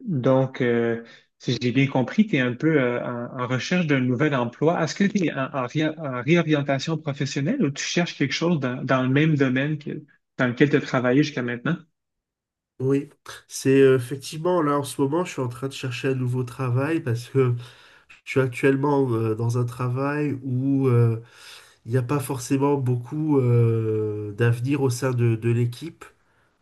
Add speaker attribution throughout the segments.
Speaker 1: Donc, si j'ai bien compris, tu es un peu en recherche d'un nouvel emploi. Est-ce que tu es en réorientation professionnelle ou tu cherches quelque chose dans le même domaine que, dans lequel tu as travaillé jusqu'à maintenant?
Speaker 2: Oui, c'est effectivement là en ce moment, je suis en train de chercher un nouveau travail parce que je suis actuellement dans un travail où il n'y a pas forcément beaucoup d'avenir au sein de l'équipe.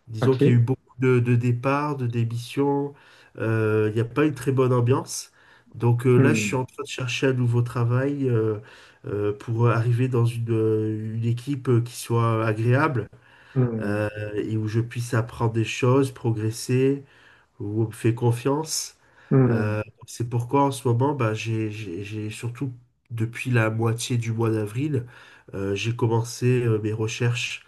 Speaker 2: Disons qu'il y a
Speaker 1: OK.
Speaker 2: eu beaucoup de départs, de démissions, il n'y a pas une très bonne ambiance. Donc là, je suis
Speaker 1: Hmm.
Speaker 2: en train de chercher un nouveau travail pour arriver dans une équipe qui soit agréable
Speaker 1: Hmm.
Speaker 2: euh, et où je puisse apprendre des choses, progresser vous me faites confiance.
Speaker 1: Hmm.
Speaker 2: Euh, c'est pourquoi en ce moment, bah, j'ai surtout depuis la moitié du mois d'avril, j'ai commencé mes recherches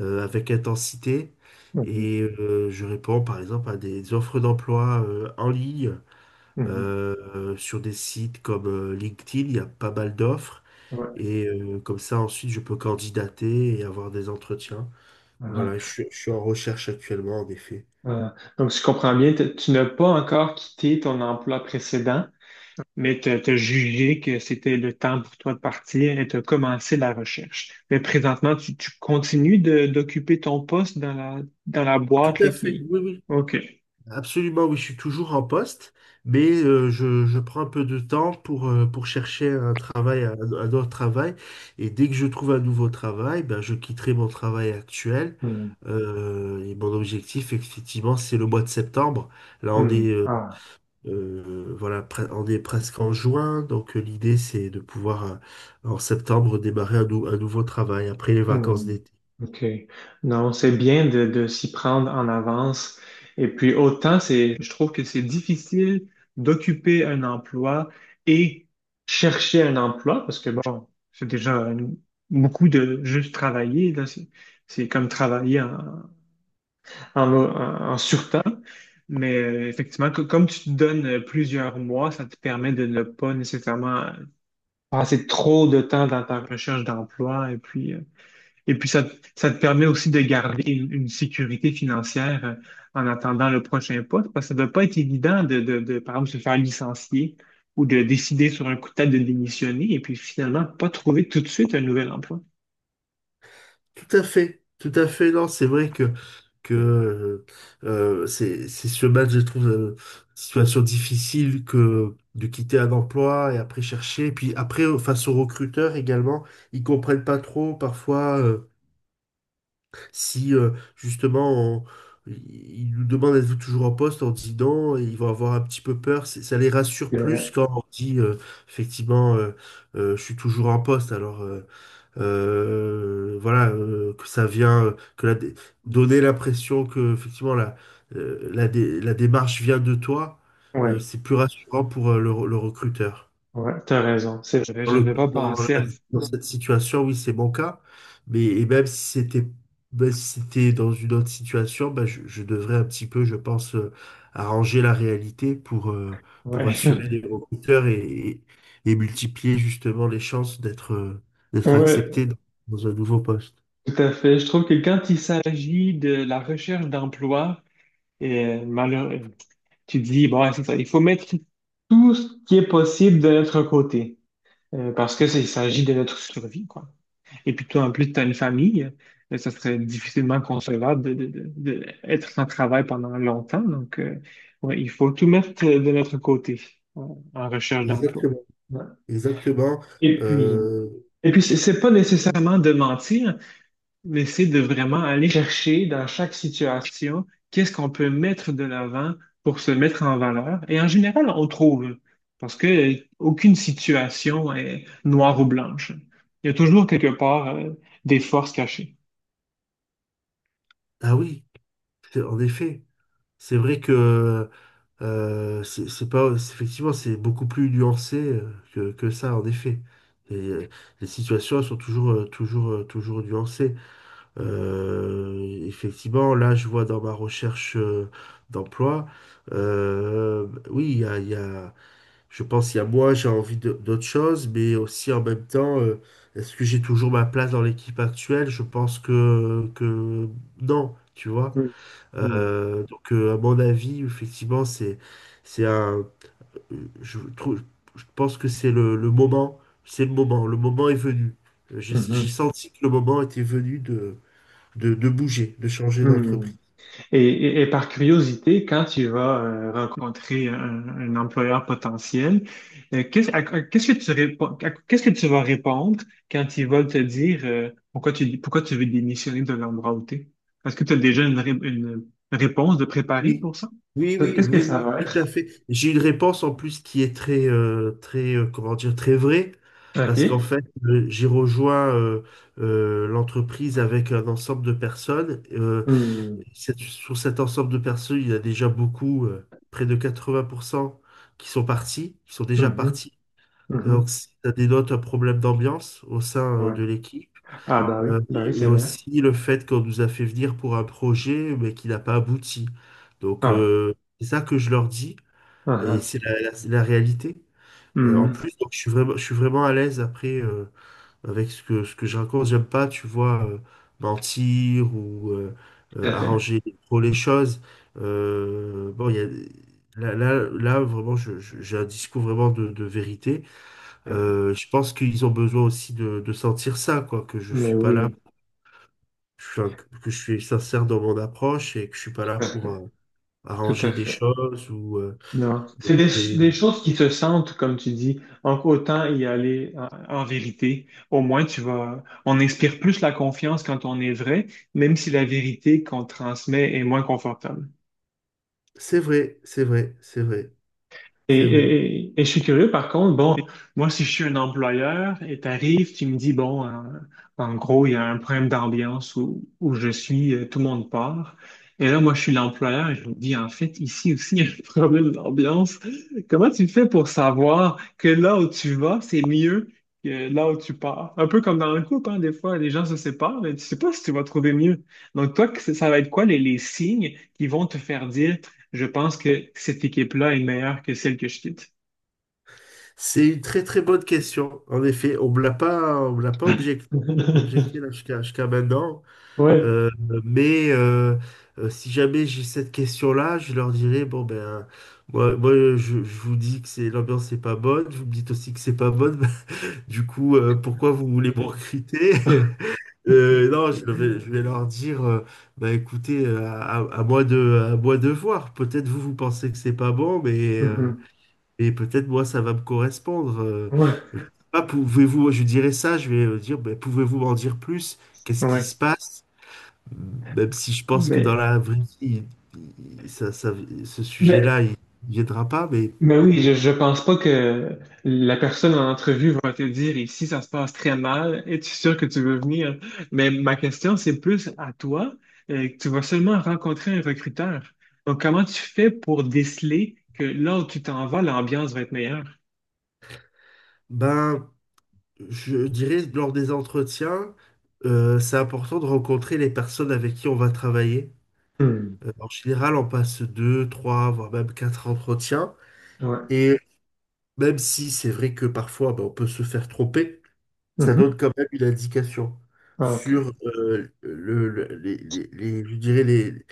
Speaker 2: avec intensité
Speaker 1: Mhm.
Speaker 2: et je réponds par exemple à des offres d'emploi en ligne,
Speaker 1: Mhm.
Speaker 2: sur des sites comme LinkedIn, il y a pas mal d'offres
Speaker 1: Ouais.
Speaker 2: et comme ça ensuite je peux candidater et avoir des entretiens.
Speaker 1: Ah,
Speaker 2: Voilà, je suis en recherche actuellement en effet.
Speaker 1: ah. Donc, si je comprends bien, tu n'as pas encore quitté ton emploi précédent, mais tu as jugé que c'était le temps pour toi de partir et tu as commencé la recherche. Mais présentement, tu continues d'occuper ton poste dans dans la
Speaker 2: Tout
Speaker 1: boîte
Speaker 2: à
Speaker 1: là,
Speaker 2: fait,
Speaker 1: qui...
Speaker 2: oui, oui.
Speaker 1: OK.
Speaker 2: Absolument, oui, je suis toujours en poste, mais je prends un peu de temps pour chercher un travail, un autre travail. Et dès que je trouve un nouveau travail, ben, je quitterai mon travail actuel.
Speaker 1: Hmm,
Speaker 2: Et mon objectif, effectivement, c'est le mois de septembre. Là,
Speaker 1: hmm. Ah,
Speaker 2: on est presque en juin, donc l'idée, c'est de pouvoir, en septembre, démarrer un nouveau travail après les vacances
Speaker 1: hmm,
Speaker 2: d'été.
Speaker 1: OK. Non, c'est bien de s'y prendre en avance. Et puis autant c'est, je trouve que c'est difficile d'occuper un emploi et chercher un emploi parce que bon, beaucoup de juste travailler là, c'est comme travailler en, en surtemps. Mais effectivement, comme tu te donnes plusieurs mois, ça te permet de ne pas nécessairement passer trop de temps dans ta recherche d'emploi et puis, ça te permet aussi de garder une sécurité financière en attendant le prochain poste, parce que ça ne doit pas être évident de, par exemple, se faire licencier ou de décider sur un coup de tête de démissionner et puis finalement pas trouver tout de suite un nouvel emploi.
Speaker 2: Tout à fait, tout à fait. Non, c'est vrai que c'est ce match, je trouve, situation difficile que de quitter un emploi et après chercher. Et puis après, face aux recruteurs également, ils comprennent pas trop parfois si justement on- ils nous demandent êtes-vous toujours en poste? On dit non, et ils vont avoir un petit peu peur. Ça les rassure plus
Speaker 1: Euh,
Speaker 2: quand on dit effectivement, je suis toujours en poste. Alors, voilà, que ça vient, que la dé- donner l'impression que effectivement la démarche vient de toi,
Speaker 1: ouais,
Speaker 2: c'est plus rassurant pour le recruteur.
Speaker 1: ouais, t'as raison, c'est vrai.
Speaker 2: Dans, le-
Speaker 1: J'avais pas
Speaker 2: dans la-
Speaker 1: pensé à...
Speaker 2: Dans cette situation, oui, c'est mon cas. Mais même si c'était dans une autre situation, bah, je devrais un petit peu, je pense, arranger la réalité pour
Speaker 1: Ouais,
Speaker 2: assurer les recruteurs et, et multiplier justement les chances d'être d'être
Speaker 1: ouais,
Speaker 2: accepté dans un nouveau poste.
Speaker 1: tout à fait. Je trouve que quand il s'agit de la recherche d'emploi, et tu te dis, bon, ouais, c'est ça, il faut mettre tout ce qui est possible de notre côté, parce que ça, il s'agit de notre survie, quoi. Et puis toi, en plus, tu as une famille, ça serait difficilement concevable de être sans travail pendant longtemps, donc ouais, il faut tout mettre de notre côté en recherche d'emploi.
Speaker 2: Exactement.
Speaker 1: Ouais.
Speaker 2: Exactement.
Speaker 1: Et puis,
Speaker 2: Euh,
Speaker 1: et puis c'est pas nécessairement de mentir, mais c'est de vraiment aller chercher dans chaque situation qu'est-ce qu'on peut mettre de l'avant pour se mettre en valeur. Et en général, on trouve, parce que aucune situation est noire ou blanche. Il y a toujours quelque part, des forces cachées.
Speaker 2: ah oui, en effet. C'est vrai que c'est pas c'est- effectivement c'est beaucoup plus nuancé que ça en effet. Et, les situations sont toujours toujours nuancées. Euh, Effectivement, là je vois dans ma recherche d'emploi, oui il y a- je pense il y a moi j'ai envie d'autre chose, mais aussi en même temps est-ce que j'ai toujours ma place dans l'équipe actuelle? Je pense que non, tu vois.
Speaker 1: Mhm.
Speaker 2: À mon avis, effectivement, c'est un, je trouve, je pense que c'est le moment, c'est le moment est venu. J'ai
Speaker 1: Mhm.
Speaker 2: senti que le moment était venu de bouger, de changer
Speaker 1: Mhm.
Speaker 2: d'entreprise.
Speaker 1: Mm. Et, et par curiosité, quand tu vas rencontrer un employeur potentiel, qu'est-ce que tu réponds, qu'est-ce que tu vas répondre quand ils veulent te dire pourquoi tu veux démissionner de l'endroit où tu es? Est-ce que tu as déjà une réponse de préparer
Speaker 2: Oui,
Speaker 1: pour ça?
Speaker 2: oui, oui,
Speaker 1: Qu'est-ce que
Speaker 2: oui,
Speaker 1: ça
Speaker 2: oui,
Speaker 1: va
Speaker 2: tout à
Speaker 1: être?
Speaker 2: fait. J'ai une réponse en plus qui est très, comment dire, très vraie, parce qu'en
Speaker 1: OK.
Speaker 2: fait, j'ai rejoint l'entreprise avec un ensemble de personnes.
Speaker 1: Hmm.
Speaker 2: Sur cet ensemble de personnes, il y a déjà beaucoup, près de 80% qui sont partis, qui sont déjà
Speaker 1: Mhm.
Speaker 2: partis. Donc,
Speaker 1: Mhm.
Speaker 2: si ça dénote un problème d'ambiance au sein
Speaker 1: Ouais.
Speaker 2: de l'équipe.
Speaker 1: Ah, bah oui,
Speaker 2: Et
Speaker 1: c'est vrai.
Speaker 2: aussi le fait qu'on nous a fait venir pour un projet, mais qui n'a pas abouti. Donc,
Speaker 1: Ah,
Speaker 2: c'est ça que je leur dis,
Speaker 1: ah,
Speaker 2: et
Speaker 1: ah.
Speaker 2: c'est la réalité. En
Speaker 1: Hmm.
Speaker 2: plus, donc, je suis vraiment à l'aise après, avec ce que je raconte. J'aime pas, tu vois, mentir ou
Speaker 1: Tout à fait.
Speaker 2: arranger trop les choses. Euh, bon, il y a, Là, vraiment, j'ai un discours vraiment de vérité.
Speaker 1: Tout à fait.
Speaker 2: Je pense qu'ils ont besoin aussi de sentir ça, quoi, que je
Speaker 1: Mais
Speaker 2: suis pas là,
Speaker 1: oui,
Speaker 2: que je suis sincère dans mon approche et que je suis pas là
Speaker 1: tout à
Speaker 2: pour
Speaker 1: fait. Tout à
Speaker 2: arranger des
Speaker 1: fait.
Speaker 2: choses ou
Speaker 1: Non.
Speaker 2: demander.
Speaker 1: Des choses qui se sentent, comme tu dis. Donc, autant y aller en vérité. Au moins, on inspire plus la confiance quand on est vrai, même si la vérité qu'on transmet est moins confortable.
Speaker 2: C'est vrai,
Speaker 1: Et,
Speaker 2: c'est vrai.
Speaker 1: et je suis curieux, par contre, bon, moi, si je suis un employeur et t'arrives, tu me dis, bon, en gros, il y a un problème d'ambiance où je suis, tout le monde part. Et là, moi, je suis l'employeur et je me dis, en fait, ici aussi, il y a un problème d'ambiance. Comment tu fais pour savoir que là où tu vas, c'est mieux que là où tu pars? Un peu comme dans un couple, hein, des fois, les gens se séparent, mais tu sais pas si tu vas trouver mieux. Donc, toi, ça va être quoi les signes qui vont te faire dire, je pense que cette équipe-là est meilleure que celle que je quitte.
Speaker 2: C'est une très très bonne question. En effet, on me l'a pas objecté là jusqu'à maintenant.
Speaker 1: Ouais.
Speaker 2: Euh, mais si jamais j'ai cette question-là, je leur dirais, bon ben, moi, je vous dis que c'est l'ambiance n'est pas bonne, vous me dites aussi que c'est pas bonne. Du coup, pourquoi vous voulez me recruter? Non, je vais, Je vais leur dire, bah écoutez, à moi de voir. Peut-être vous pensez que c'est pas bon, mais
Speaker 1: Mhm.
Speaker 2: et peut-être, moi, ça va me correspondre.
Speaker 1: Ouais.
Speaker 2: Je sais pas, pouvez-vous, je dirais ça, je vais dire, ben, pouvez-vous m'en dire plus? Qu'est-ce qui
Speaker 1: Ouais.
Speaker 2: se passe? Même si je pense que dans
Speaker 1: Mais,
Speaker 2: la vraie vie, il- il- ça, ça- ce
Speaker 1: mais,
Speaker 2: sujet-là, il ne viendra pas, mais
Speaker 1: mais oui, je pense pas que la personne en entrevue va te dire ici, ça se passe très mal, es-tu sûr que tu veux venir? Mais ma question, c'est plus à toi, que tu vas seulement rencontrer un recruteur. Donc, comment tu fais pour déceler que là où tu t'en vas, l'ambiance va être meilleure?
Speaker 2: ben, je dirais, lors des entretiens, c'est important de rencontrer les personnes avec qui on va travailler.
Speaker 1: Hmm.
Speaker 2: En général, on passe deux, trois, voire même quatre entretiens.
Speaker 1: Ouais.
Speaker 2: Et même si c'est vrai que parfois, ben, on peut se faire tromper, ça
Speaker 1: Mhm.
Speaker 2: donne quand même une indication
Speaker 1: OK.
Speaker 2: sur je dirais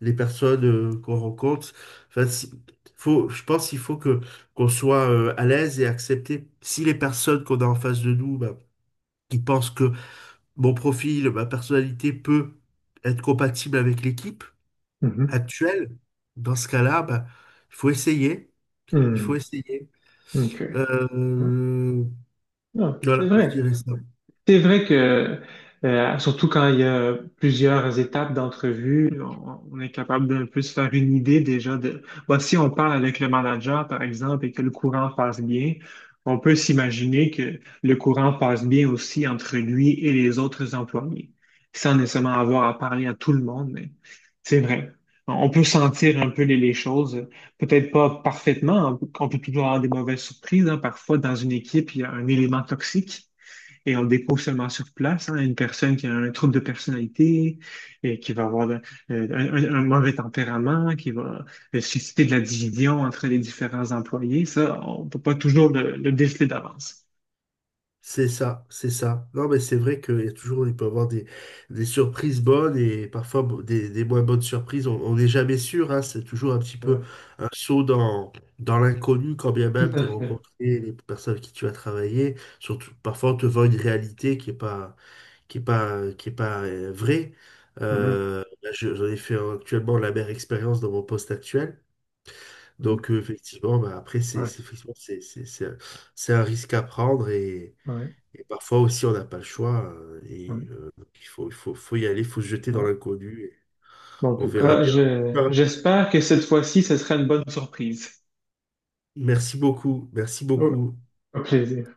Speaker 2: les personnes qu'on rencontre. Enfin, je pense qu'il faut que qu'on soit à l'aise et accepter. Si les personnes qu'on a en face de nous, bah, qui pensent que mon profil, ma personnalité peut être compatible avec l'équipe
Speaker 1: Mhm.
Speaker 2: actuelle, dans ce cas-là, bah, il faut essayer. Il
Speaker 1: Hmm.
Speaker 2: faut essayer.
Speaker 1: Ok.
Speaker 2: Euh,
Speaker 1: Non, c'est
Speaker 2: voilà, je
Speaker 1: vrai.
Speaker 2: dirais ça.
Speaker 1: C'est vrai que, surtout quand il y a plusieurs étapes d'entrevue, on est capable d'un peu se faire une idée déjà de, bon, si on parle avec le manager, par exemple, et que le courant passe bien, on peut s'imaginer que le courant passe bien aussi entre lui et les autres employés, sans nécessairement avoir à parler à tout le monde, mais c'est vrai. On peut sentir un peu les choses, peut-être pas parfaitement, on peut toujours avoir des mauvaises surprises, hein. Parfois, dans une équipe, il y a un élément toxique et on le découvre seulement sur place, hein, une personne qui a un trouble de personnalité, et qui va avoir un mauvais tempérament, qui va susciter de la division entre les différents employés. Ça, on peut pas toujours le déceler d'avance.
Speaker 2: C'est ça, c'est ça. Non, mais c'est vrai qu'il y a toujours, il peut y avoir des surprises bonnes et parfois bon, des moins bonnes surprises. On n'est jamais sûr, hein, c'est toujours un petit peu
Speaker 1: Ouais,
Speaker 2: un saut dans l'inconnu quand bien
Speaker 1: tout
Speaker 2: même tu
Speaker 1: à fait.
Speaker 2: rencontré les personnes avec qui tu as travaillé. Surtout, parfois on te vend une réalité qui est pas vraie.
Speaker 1: Mhm,
Speaker 2: Là, j'en ai fait actuellement la meilleure expérience dans mon poste actuel.
Speaker 1: mhm.
Speaker 2: Donc, effectivement, bah, après,
Speaker 1: Ouais,
Speaker 2: effectivement, c'est un risque à prendre
Speaker 1: ouais,
Speaker 2: et parfois aussi, on n'a pas le choix.
Speaker 1: ouais,
Speaker 2: Donc, faut y aller, il faut se jeter dans
Speaker 1: ouais.
Speaker 2: l'inconnu. Et
Speaker 1: Bon, en
Speaker 2: on
Speaker 1: tout
Speaker 2: verra
Speaker 1: cas,
Speaker 2: bien. Voilà.
Speaker 1: j'espère que cette fois-ci, ce sera une bonne surprise.
Speaker 2: Merci beaucoup. Merci
Speaker 1: Au
Speaker 2: beaucoup.
Speaker 1: au plaisir.